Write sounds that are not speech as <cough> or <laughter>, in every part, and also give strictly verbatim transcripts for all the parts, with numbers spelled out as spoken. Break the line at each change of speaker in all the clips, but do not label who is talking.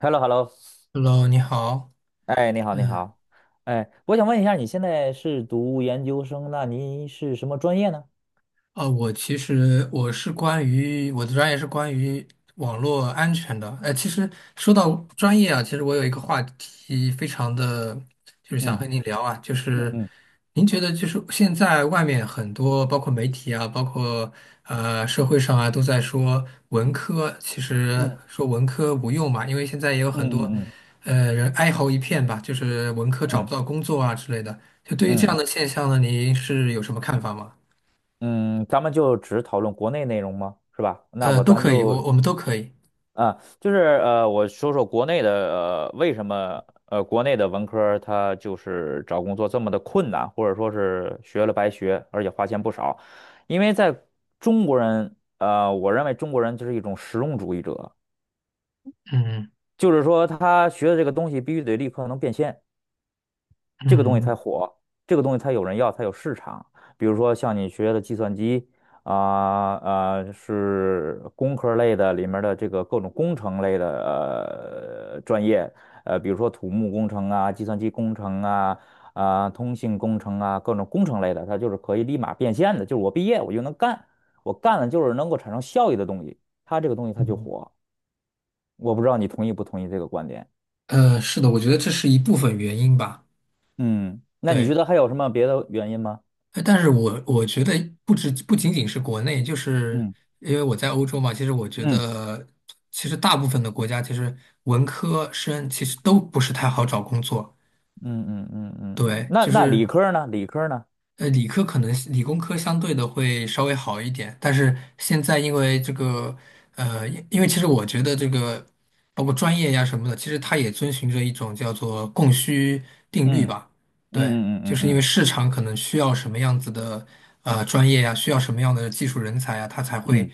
h e l l o h e l l o。
Hello，你好，
哎，你好，你
嗯、
好。哎，我想问一下，你现在是读研究生，那您是什么专业呢？
啊，我其实我是关于我的专业是关于网络安全的。呃，其实说到专业啊，其实我有一个话题非常的，就是想
嗯
和您聊啊，就
嗯
是
嗯
您觉得就是现在外面很多包括媒体啊，包括呃社会上啊，都在说文科，其实
嗯
说文科无用嘛，因为现在也有很多
嗯
嗯
嗯
呃人哀嚎一片吧，就是文科找不
嗯
到工作啊之类的。
嗯嗯嗯，嗯嗯嗯嗯
就对于这
嗯
样的
嗯
现象呢，您是有什么看法吗？
嗯嗯。咱们就只讨论国内内容吗？是吧？那
呃，
我
都
咱
可以，
就
我我们都可以。
啊，就是呃，我说说国内的。呃，为什么呃，国内的文科他就是找工作这么的困难，或者说是学了白学，而且花钱不少，因为在中国人呃，我认为中国人就是一种实用主义者。
嗯
就是说他学的这个东西必须得立刻能变现，这个东西才
嗯
火，这个东西才有人要，才有市场。比如说像你学的计算机啊啊、是工科类的里面的这个各种工程类的呃专业。呃，比如说土木工程啊、计算机工程啊、啊、通信工程啊，各种工程类的，它就是可以立马变现的，就是我毕业我就能干，我干了就是能够产生效益的东西，它这个东西它就
嗯，
火。我不知道你同意不同意这个观点。
呃，是的，我觉得这是一部分原因吧。
嗯，那你
对，
觉得还有什么别的原因吗？
呃但是我我觉得不止不仅仅是国内，就是
嗯
因为我在欧洲嘛，其实我觉
嗯
得其实大部分的国家其实文科生其实都不是太好找工作。
嗯嗯嗯嗯嗯。
对，
那
就
那理
是
科儿呢？理科儿呢？
呃，理科可能理工科相对的会稍微好一点，但是现在因为这个，呃，因因为其实我觉得这个，包括专业呀什么的，其实它也遵循着一种叫做供需定律
嗯
吧。
嗯
对，
嗯
就
嗯
是因为
嗯
市场可能需要什么样子的呃专业呀，需要什么样的技术人才呀，它才会
嗯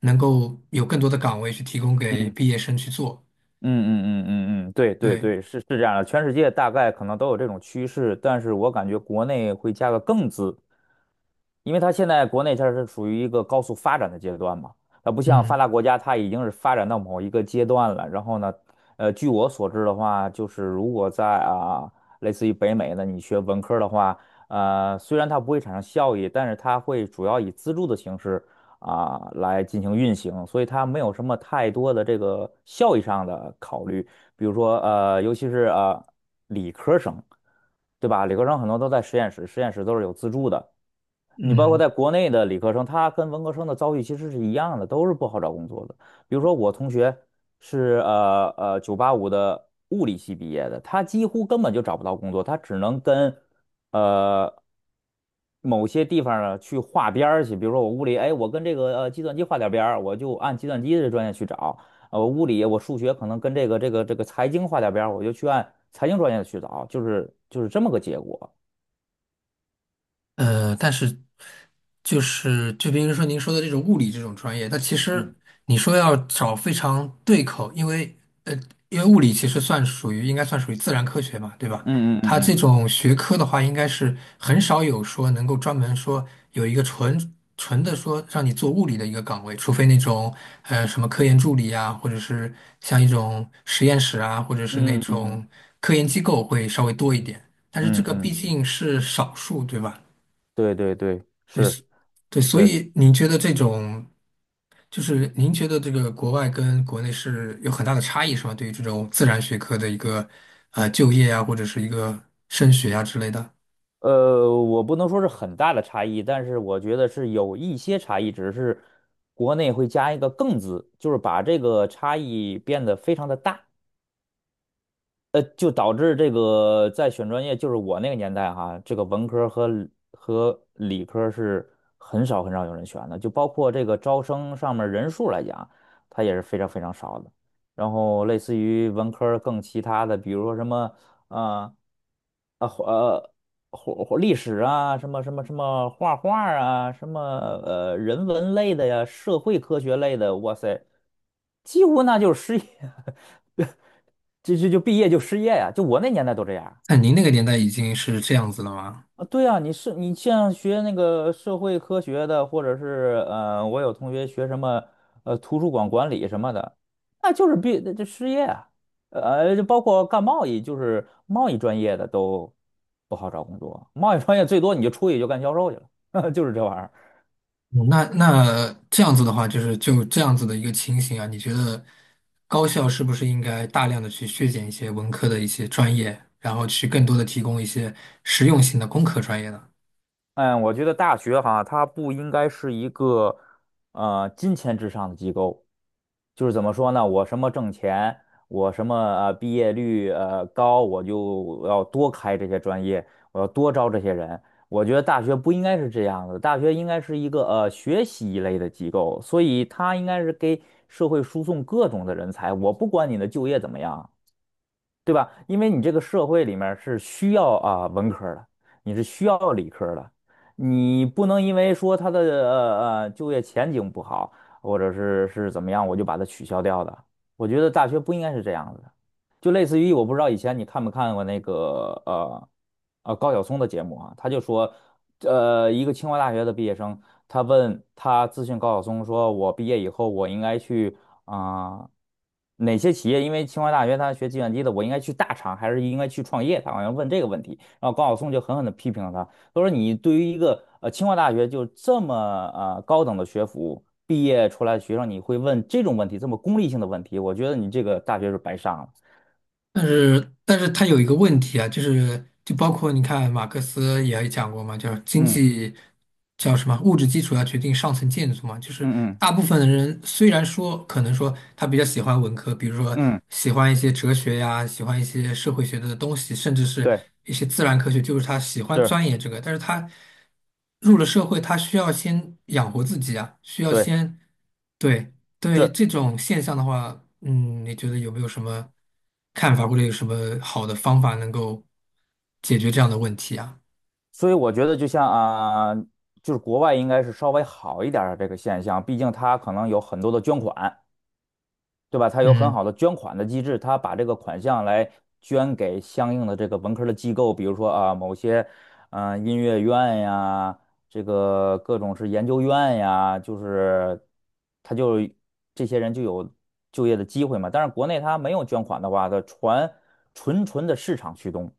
能够有更多的岗位去提供
嗯
给
嗯
毕业生去做。
嗯嗯嗯嗯，对对
对，
对，是是这样的，全世界大概可能都有这种趋势，但是我感觉国内会加个“更”字，因为它现在国内它是属于一个高速发展的阶段嘛，它不像发
嗯
达国家，它已经是发展到某一个阶段了。然后呢，呃，据我所知的话，就是如果在啊，类似于北美呢，你学文科儿的话，呃，虽然它不会产生效益，但是它会主要以资助的形式啊，来进行运行，所以它没有什么太多的这个效益上的考虑。比如说，呃，尤其是呃理科生，对吧？理科生很多都在实验室，实验室都是有资助的。你包括
嗯。
在国内的理科生，他跟文科生的遭遇其实是一样的，都是不好找工作的。比如说我同学是呃呃九八五的物理系毕业的，他几乎根本就找不到工作，他只能跟呃某些地方呢去划边儿去。比如说我物理，哎，我跟这个呃计算机划点边儿，我就按计算机的专业去找。呃，我物理我数学可能跟这个这个这个财经划点边儿，我就去按财经专业去找，就是就是这么个结果。
呃，但是就是就比如说您说的这种物理这种专业，它其实
嗯，
你说要找非常对口，因为呃，因为物理其实算属于应该算属于自然科学嘛，对吧？
嗯
它
嗯
这种学科的话，应该是很少有说能够专门说有一个纯纯的说让你做物理的一个岗位，除非那种呃什么科研助理啊，或者是像一种实验室啊，或者是那
嗯嗯嗯嗯嗯嗯。
种科研机构会稍微多一
嗯
点，但是这
嗯
个毕
嗯，
竟是少数，对吧？
对对对，是
对，所
是，
以您觉得这种，就是您觉得这个国外跟国内是有很大的差异，是吗？对于这种自然学科的一个呃就业啊，或者是一个升学啊之类的，
呃，我不能说是很大的差异，但是我觉得是有一些差异，只是国内会加一个“更”字，就是把这个差异变得非常的大。呃，就导致这个在选专业，就是我那个年代哈，这个文科儿和理和理科儿是很少很少有人选的，就包括这个招生上面儿人数来讲，它也是非常非常少的。然后类似于文科儿更其他的，比如说什么啊啊呃或或历史啊，什么什么什么画画儿啊，什么呃人文类的呀，社会科学类的，哇塞，几乎那就是失业，<laughs> 就就就毕业就失业呀、就我那年代都这样
那您那个年代已经是这样子了吗？
啊。对啊，你是你像学那个社会科学的，或者是呃，我有同学学什么呃图书馆管理什么的，那就是毕这失业啊。呃，就包括干贸易，就是贸易专业的都不好找工作，贸易专业最多你就出去就干销售去了，<laughs> 就是这玩意儿。
嗯那那这样子的话，就是就这样子的一个情形啊，你觉得高校是不是应该大量的去削减一些文科的一些专业，然后去更多的提供一些实用性的工科专业呢？
嗯，我觉得大学哈，它不应该是一个呃金钱至上的机构，就是怎么说呢？我什么挣钱，我什么呃毕业率呃高，我就要多开这些专业，我要多招这些人。我觉得大学不应该是这样的，大学应该是一个呃学习一类的机构，所以它应该是给社会输送各种的人才。我不管你的就业怎么样，对吧？因为你这个社会里面是需要啊文科儿的，你是需要理科儿的，你不能因为说他的呃呃就业前景不好，或者是是怎么样，我就把它取消掉的。我觉得大学不应该是这样子的。就类似于我不知道以前你看没看过那个呃呃高晓松的节目啊，他就说，呃，一个清华大学的毕业生，他问他咨询高晓松说，我毕业以后我应该去啊、哪些企业？因为清华大学他学计算机的，我应该去大厂还是应该去创业？他好像问这个问题，然后高晓松就狠狠的批评了他，他说你对于一个呃清华大学就这么呃高等的学府。毕业出来的学生，你会问这种问题，这么功利性的问题，我觉得你这个大学是白上了。
但是，但是他有一个问题啊，就是就包括你看马克思也讲过嘛，叫经
嗯
济叫什么物质基础要决定上层建筑嘛，就是
嗯嗯
大部分的人虽然说可能说他比较喜欢文科，比如说
嗯，
喜欢一些哲学呀，喜欢一些社会学的东西，甚至是
对，
一些自然科学，就是他喜欢
是，
钻研这个，但是他入了社会，他需要先养活自己啊，需要
对，
先。对，对
是，
这种现象的话，嗯，你觉得有没有什么看法，或者有什么好的方法能够解决这样的问题啊？
所以我觉得就像啊、就是国外应该是稍微好一点儿的这个现象，毕竟它可能有很多的捐款，对吧？他有很
嗯
好的捐款的机制，他把这个款项来捐给相应的这个文科的机构，比如说啊，某些嗯、呃音乐院呀，这个各种是研究院呀，就是他就这些人就有就业的机会嘛。但是国内他没有捐款的话，它纯纯纯的市场驱动，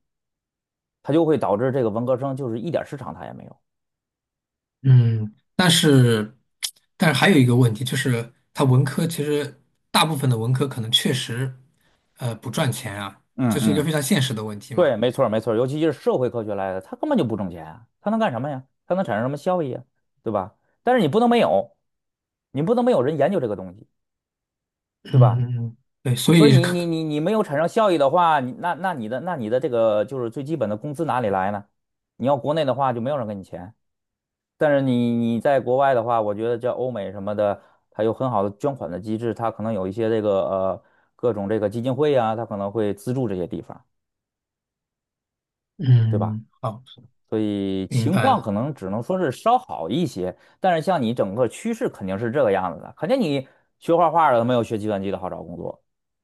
它就会导致这个文科生就是一点市场他也没有。
嗯，但是但是还有一个问题，就是它文科其实大部分的文科可能确实呃不赚钱啊，
嗯
这是一个
嗯。
非常现实的问题
对，
嘛。
没错儿没错儿尤其是社会科学来的，它根本就不挣钱啊，它能干什么呀？它能产生什么效益啊？对吧？但是你不能没有，你不能没有人研究这个东西，
嗯，
对吧？
嗯嗯，对，所
所以
以
你你
可
你你没有产生效益的话，你那那你的那你的这个就是最基本的工资哪里来呢？你要国内的话就没有人给你钱，但是你你在国外的话，我觉得叫欧美什么的，它有很好的捐款的机制，它可能有一些这个呃各种这个基金会啊，它可能会资助这些地方，对吧？
嗯，好，
所以
明
情
白
况
了。
可能只能说是稍好一些，但是像你整个趋势肯定是这个样子的，肯定你学画画的没有学计算机的好找工作，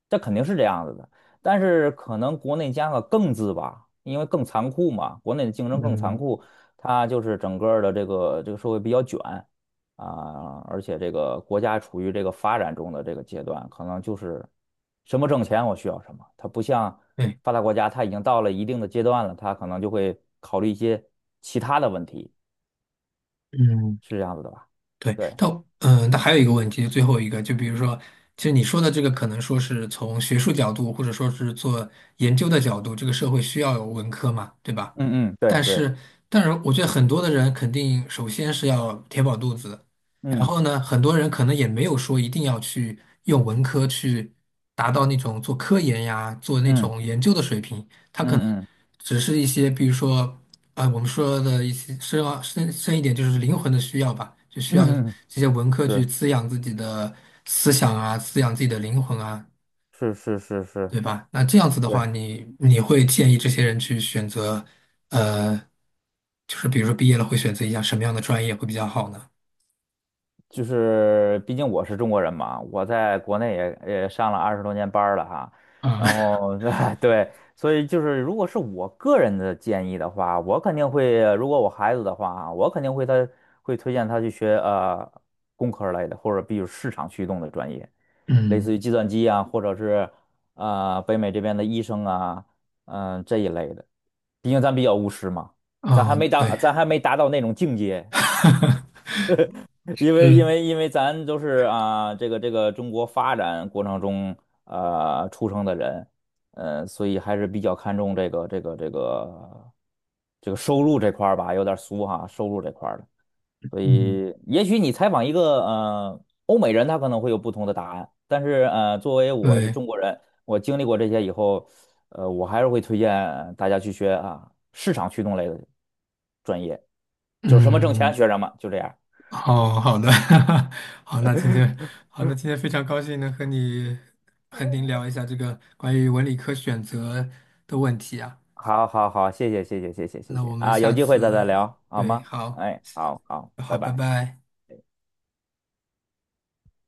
这肯定是这样子的。但是可能国内加个“更”字吧，因为更残酷嘛，国内的竞争更残
嗯，
酷，它就是整个的这个这个社会比较卷，啊，而且这个国家处于这个发展中的这个阶段，可能就是什么挣钱我需要什么，它不像
对，
发达国家，它已经到了一定的阶段了，它可能就会考虑一些其他的问题，
嗯。
是这样子的吧？
对，
对，
但嗯，但还有一个问题，最后一个，就比如说，其实你说的这个，可能说是从学术角度，或者说是做研究的角度，这个社会需要有文科嘛，对吧？
嗯嗯，对
但
对，
是，但是我觉得很多的人肯定首先是要填饱肚子，然
嗯
后呢，很多人可能也没有说一定要去用文科去达到那种做科研呀、做那
嗯
种研究的水平，他可能
嗯嗯
只是一些，比如说。啊，我们说的一些深奥深深一点，就是灵魂的需要吧，就需要
嗯嗯，
这些文科去
是
滋养自己的思想啊，滋养自己的灵魂啊，
是是是是，
对吧？那这样子的话，
对。
你你会建议这些人去选择，呃，就是比如说毕业了会选择一下什么样的专业会比较好呢？
就是毕竟我是中国人嘛，我在国内也也上了二十多年班儿了哈，
啊，
然
<laughs>
后 <laughs> 对，所以就是如果是我个人的建议的话，我肯定会，如果我孩子的话啊，我肯定会他会推荐他去学呃工科类的，或者比如市场驱动的专业，类
嗯，
似于计算机啊，或者是呃北美这边的医生啊，嗯、这一类的，毕竟咱比较务实嘛，咱还
啊，
没达
对，
咱还没达到那种境界。
<laughs>
因为因
嗯
为因为咱都是啊，这个这个中国发展过程中啊出生的人，呃，所以还是比较看重这个这个这个这个收入这块儿吧，有点俗哈，收入这块儿的。所
嗯，
以也许你采访一个呃欧美人，他可能会有不同的答案，但是呃，作为我是
对，
中国人，我经历过这些以后，呃，我还是会推荐大家去学啊市场驱动类的专业，就是什么挣钱
嗯。
学什么，就这样。
好好的，<laughs> 好，那今天好，那今天非常高兴能和你和您聊一下这个关于文理科选择的问题啊。
好好好，谢谢谢谢谢谢谢
那我
谢
们
啊，有
下
机会再再
次，
聊好
对，
吗？
好，
哎，好好，
好，
拜
拜
拜。
拜。